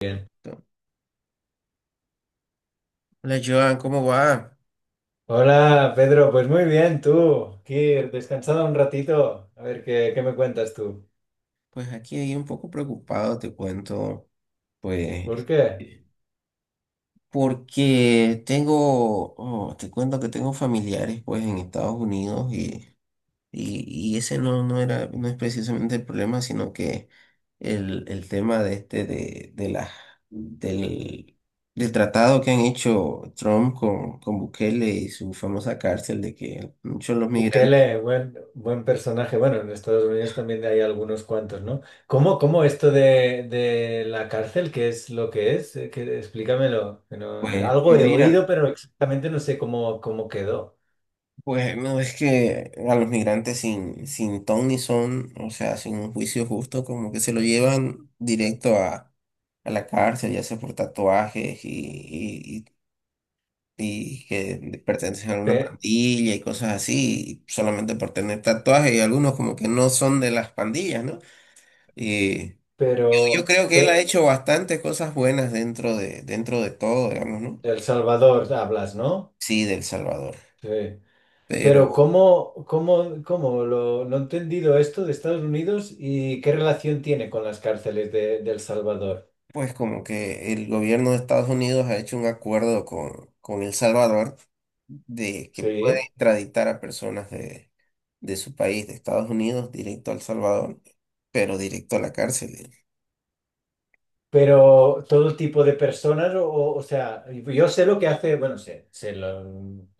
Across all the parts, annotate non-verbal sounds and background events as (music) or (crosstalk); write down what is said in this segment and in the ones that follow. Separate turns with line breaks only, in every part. Bien.
Hola Joan, ¿cómo va?
Hola Pedro, pues muy bien, tú, aquí descansado un ratito, a ver qué me cuentas tú.
Pues aquí un poco preocupado, te cuento,
¿Por
pues,
qué?
porque tengo, te cuento que tengo familiares, pues, en Estados Unidos y, y ese no era, no es precisamente el problema, sino que el tema de del, del tratado que han hecho Trump con Bukele y su famosa cárcel de que muchos de los migrantes,
Bukele, buen personaje. Bueno, en Estados Unidos también hay algunos cuantos, ¿no? ¿Cómo esto de la cárcel, ¿qué es lo que es? Explícamelo. Que no-
pues,
Algo
pues
he oído,
mira.
pero exactamente no sé cómo quedó.
Pues no es que a los migrantes sin ton ni son, o sea, sin un juicio justo, como que se lo llevan directo a la cárcel, ya sea por tatuajes y que pertenecen a una
Pe-
pandilla y cosas así, solamente por tener tatuajes y algunos como que no son de las pandillas, ¿no? Y yo
pero,
creo que él ha
pe-
hecho bastantes cosas buenas dentro de todo, digamos, ¿no?
El Salvador hablas, ¿no?
Sí, de El Salvador.
Sí.
Pero
Pero ¿cómo no he entendido esto de Estados Unidos y qué relación tiene con las cárceles de El Salvador?
pues como que el gobierno de Estados Unidos ha hecho un acuerdo con El Salvador de que puede
Sí.
extraditar a de su país, de Estados Unidos, directo a El Salvador, pero directo a la cárcel.
Pero ¿todo tipo de personas? O sea, yo sé lo que hace, bueno, sé, sé lo,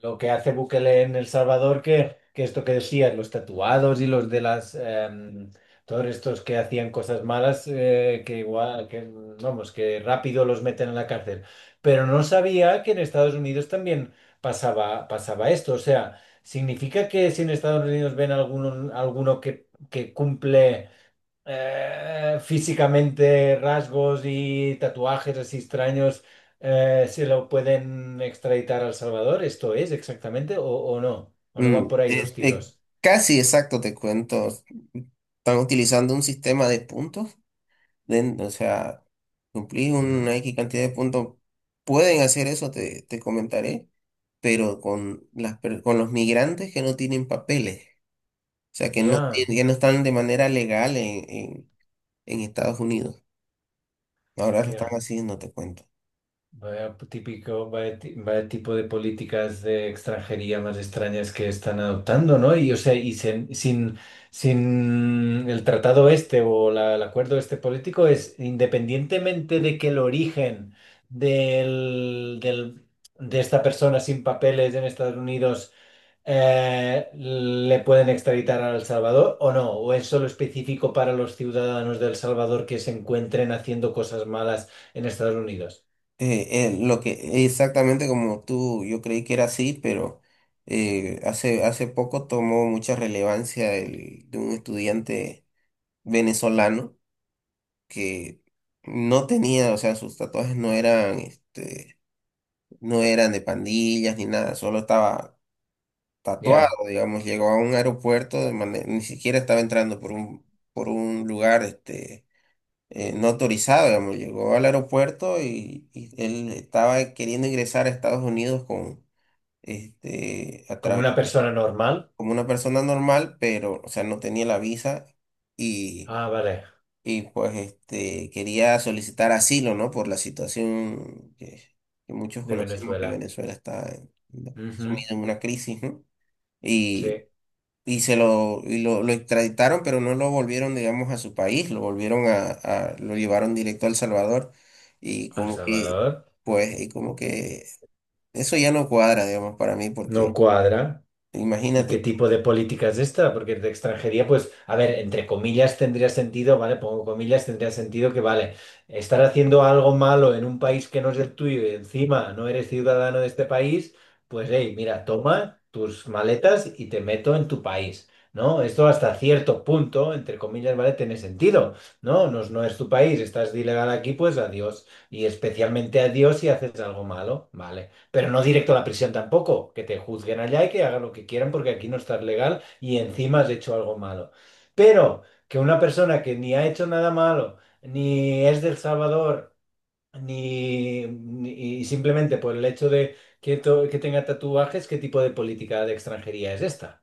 lo que hace Bukele en El Salvador, que esto que decías, los tatuados y los de las, todos estos que hacían cosas malas, que igual, vamos, que rápido los meten en la cárcel. Pero no sabía que en Estados Unidos también pasaba esto. O sea, ¿significa que si en Estados Unidos ven alguno que cumple físicamente rasgos y tatuajes así extraños, se lo pueden extraditar a El Salvador? ¿Esto es exactamente? ¿O no? ¿O no van
Mm,
por ahí los
es- eh,
tiros?
Casi exacto, te cuento. Están utilizando un sistema de puntos, o sea, cumplís
Mm.
una X cantidad de puntos. Pueden hacer eso, te comentaré, pero con los migrantes que no tienen papeles. Sea, que no,
Ya.
que no están de manera legal en Estados Unidos. Ahora lo están
Hostia.
haciendo, te cuento.
Vaya típico, vaya tipo de políticas de extranjería más extrañas que están adoptando, ¿no? Y o sea, y sin el tratado este o el acuerdo este político es, independientemente de que el origen del, del- de esta persona sin papeles en Estados Unidos, ¿le pueden extraditar a El Salvador o no, o es solo específico para los ciudadanos de El Salvador que se encuentren haciendo cosas malas en Estados Unidos?
Lo que exactamente como tú, yo creí que era así, pero hace poco tomó mucha relevancia el, de un estudiante venezolano que no tenía, o sea, sus tatuajes no eran, este, no eran de pandillas ni nada, solo estaba tatuado,
Ya.
digamos, llegó a un aeropuerto de manera, ni siquiera estaba entrando por por un lugar este, no autorizado, digamos, llegó al aeropuerto y él estaba queriendo ingresar a Estados Unidos con, este, a
Como una
través,
persona normal.
como una persona normal, pero, o sea, no tenía la visa y,
Ah, vale,
y pues, este, quería solicitar asilo, ¿no? Por la situación que muchos
de
conocemos, que
Venezuela.
Venezuela
Ujú.
sumida en una crisis, ¿no? Y,
Sí.
y se lo, y lo, lo extraditaron, pero no lo volvieron, digamos, a su país, lo volvieron lo llevaron directo a El Salvador y
Al
como que,
Salvador.
pues, y como que eso ya no cuadra, digamos, para mí,
No
porque
cuadra. ¿Y qué
imagínate,
tipo de política es esta? Porque de extranjería, pues, a ver, entre comillas, tendría sentido, ¿vale? Pongo comillas, tendría sentido que, vale, estar haciendo algo malo en un país que no es el tuyo y encima no eres ciudadano de este país, pues, hey, mira, toma tus maletas y te meto en tu país, ¿no? Esto hasta cierto punto, entre comillas, ¿vale? Tiene sentido, ¿no? No, no es tu país, estás de ilegal aquí, pues adiós. Y especialmente adiós si haces algo malo, ¿vale? Pero no directo a la prisión tampoco, que te juzguen allá y que hagan lo que quieran porque aquí no estás legal y encima has hecho algo malo. Pero que una persona que ni ha hecho nada malo, ni es del Salvador, y simplemente por el hecho de que, que tenga tatuajes, ¿qué tipo de política de extranjería es esta?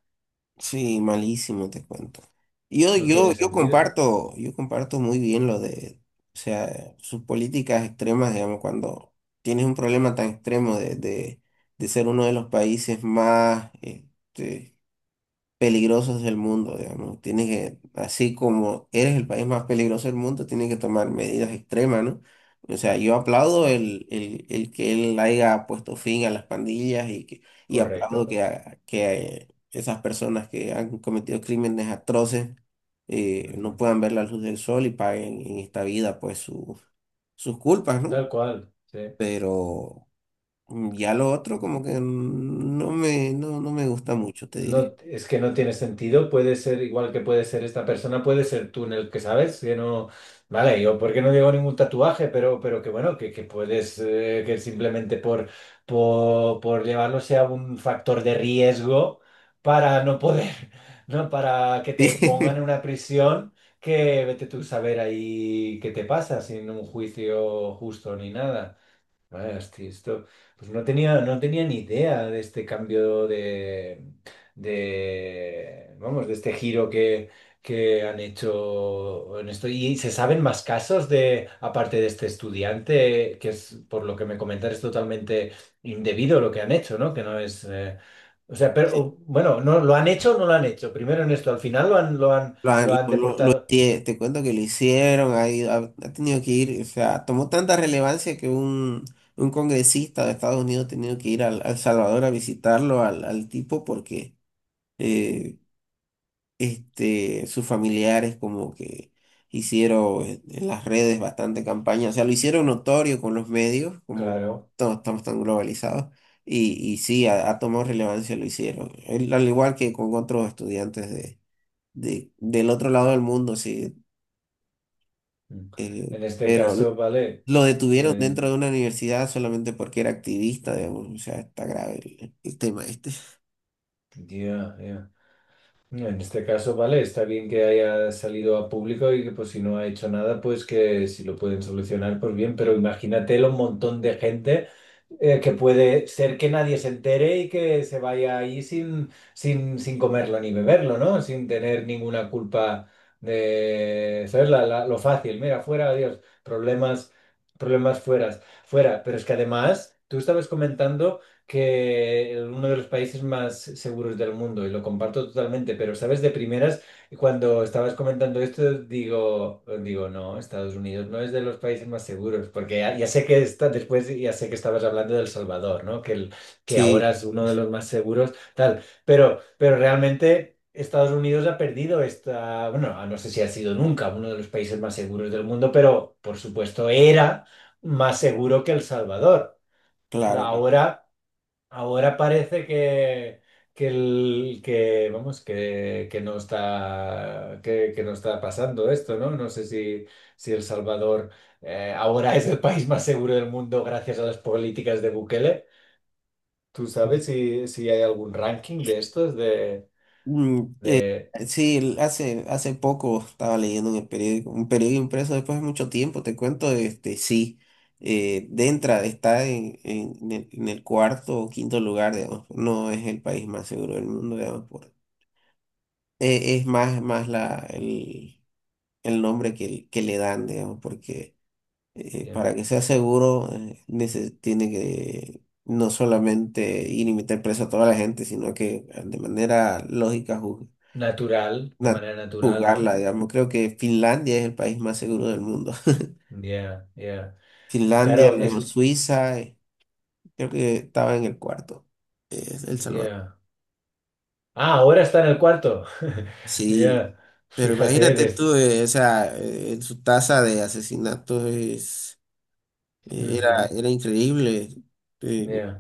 sí, malísimo, te cuento.
No tiene sentido.
Yo comparto muy bien lo de, o sea, sus políticas extremas, digamos, cuando tienes un problema tan extremo de ser uno de los países más, este, peligrosos del mundo, digamos. Tiene que, así como eres el país más peligroso del mundo, tiene que tomar medidas extremas, ¿no? O sea, yo aplaudo el que él haya puesto fin a las pandillas que, y aplaudo
Correcto.
que, que esas personas que han cometido crímenes atroces no
Ujú.
puedan ver la luz del sol y paguen en esta vida pues sus culpas, ¿no?
Tal cual. Sí.
Pero ya lo otro como que no me, no, no me gusta mucho, te diré.
No, es que no tiene sentido. Puede ser igual que puede ser esta persona, puede ser tú en el que sabes, que no. Vale, yo porque no llevo ningún tatuaje, pero, que bueno, que puedes, que simplemente por llevarlo sea un factor de riesgo para no poder, (laughs) ¿no? Para que te pongan en
(laughs)
una prisión que vete tú a saber ahí qué te pasa sin un juicio justo ni nada. Vaya, hosti, esto, pues no tenía ni idea de este cambio de, vamos, de este giro que han hecho en esto. ¿Y se saben más casos, de, aparte de este estudiante, que es, por lo que me comentas, es totalmente indebido lo que han hecho, no? Que no es, o sea,
Sí.
pero, bueno, no, ¿lo han hecho o no lo han hecho? Primero en esto, al final lo han, lo han, lo han deportado.
Te cuento que lo hicieron, ha tenido que ir, o sea, tomó tanta relevancia un congresista de Estados Unidos ha tenido que ir al Salvador a visitarlo al tipo porque
Hostia,
eh, este, sus familiares como que hicieron en las redes bastante campaña, o sea, lo hicieron notorio con los medios, como
claro.
todos estamos tan globalizados. Y sí, ha tomado relevancia, lo hicieron. Él, al igual que con otros estudiantes del otro lado del mundo, sí.
Mm. En este
Pero
caso, vale.
lo detuvieron
Dime, dime.
dentro de una universidad solamente porque era activista, digamos. O sea, está grave el tema este.
Ya, ya. No, en este caso, vale, está bien que haya salido a público y que, pues, si no ha hecho nada, pues que si lo pueden solucionar, pues bien, pero imagínate un montón de gente, que puede ser que nadie se entere y que se vaya ahí sin comerlo ni beberlo, ¿no? Sin tener ninguna culpa de, ¿sabes? Lo fácil, mira, fuera, adiós, problemas, fueras fuera. Pero es que además, tú estabas comentando que uno de los países más seguros del mundo, y lo comparto totalmente, pero, ¿sabes? De primeras. Cuando estabas comentando esto, digo, no, Estados Unidos no es de los países más seguros, porque ya sé que está, después ya sé que estabas hablando del Salvador, ¿no? Que ahora
Sí,
es uno de los más seguros, tal, pero, realmente Estados Unidos ha perdido esta, bueno, no sé si ha sido nunca uno de los países más seguros del mundo, pero por supuesto era más seguro que El Salvador.
claro que.
Ahora. Ahora parece que, vamos, que no está pasando esto, ¿no? No sé si El Salvador ahora (laughs) es el país más seguro del mundo gracias a las políticas de Bukele. ¿Tú sabes si hay algún ranking de estos de,
Mm,
de
sí, hace poco estaba leyendo en el periódico, un periódico impreso después de mucho tiempo, te cuento, este, sí, Dentra está en el cuarto o quinto lugar, digamos, no es el país más seguro del mundo, digamos, es más, el nombre que le dan, digamos, porque
yeah,
para que sea seguro, tiene que no solamente ir y meter preso a toda la gente, sino que, de manera lógica,
natural, de
na-
manera natural, ¿no?
juzgarla, digamos. Creo que Finlandia es el país más seguro del mundo. (laughs)
Yeah, yeah.
Finlandia,
Claro,
luego
es.
Suiza, creo que estaba en el cuarto, El Salvador.
Yeah. Ah, ahora está en el cuarto. (laughs)
Sí.
Yeah.
Pero
Fíjate,
imagínate tú,
desde.
o sea, su tasa de asesinatos es,
Ujú,
era increíble. eh,
yeah.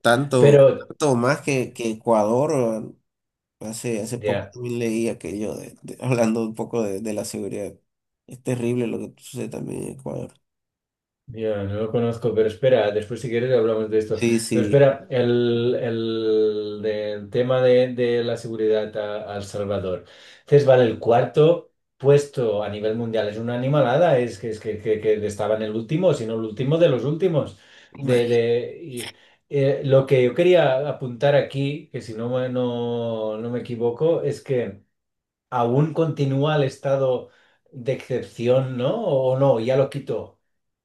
Tanto,
Pero,
tanto más que Ecuador, hace poco
ya,
también leí aquello (laughs) hablando un poco de la seguridad. Es terrible lo que sucede también en Ecuador.
ya, no lo conozco, pero espera, después si quieres hablamos de esto.
Sí,
Pero
sí.
espera, del tema de la seguridad a El Salvador. Entonces, vale, el cuarto puesto a nivel mundial es una animalada, es que estaba en el último, sino el último de los últimos. De,
Imagi-
de, y, lo que yo quería apuntar aquí, que si no me equivoco, es que aún continúa el estado de excepción, ¿no? O no, ya lo quitó.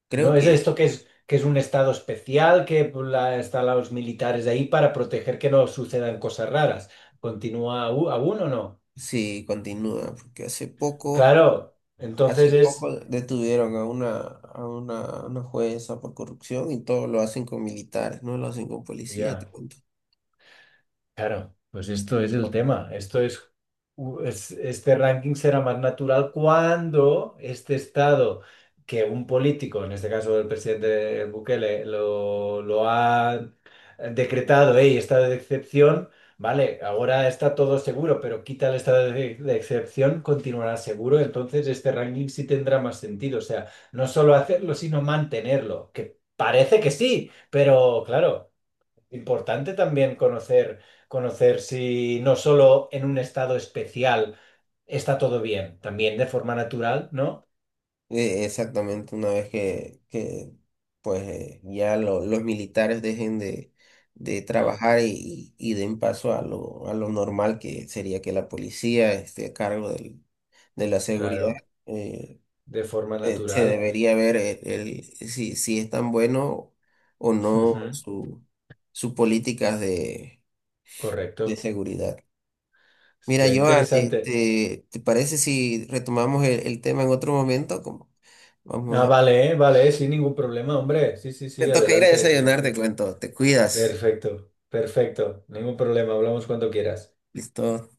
Creo
¿No es
que
esto que es un estado especial, están los militares ahí para proteger que no sucedan cosas raras? ¿Continúa aún, aún o no?
sí continúa, porque
Claro,
hace
entonces
poco
es.
detuvieron a a una jueza por corrupción y todo lo hacen con militares, no lo hacen con policías,
Ya.
te cuento.
Claro, pues esto es el tema. Esto es, u- es- este ranking será más natural cuando este estado que un político, en este caso el presidente Bukele, lo ha decretado, hey, estado de excepción, vale, ahora está todo seguro, pero quita el estado de excepción, continuará seguro, entonces este ranking sí tendrá más sentido. O sea, no solo hacerlo, sino mantenerlo, que parece que sí, pero claro. Importante también conocer, si no solo en un estado especial está todo bien, también de forma natural, ¿no?
Exactamente, una vez que pues, los militares dejen de
Eh,
trabajar y den paso a lo normal, que sería que la policía esté a cargo de la seguridad,
claro,
eh,
de forma
se
natural.
debería ver si, si es tan bueno o no
Ujú.
su políticas de
Correcto.
seguridad. Mira,
Está
Joan,
interesante.
este, ¿te parece si retomamos el tema en otro momento? Como,
Ah,
vamos,
vale, vale, sin ningún problema, hombre. Sí, sí,
te
sí,
toca ir a
adelante. Sí,
desayunar,
sí.
te cuento. Te cuidas.
Perfecto, perfecto. Ningún problema, hablamos cuando quieras.
Listo.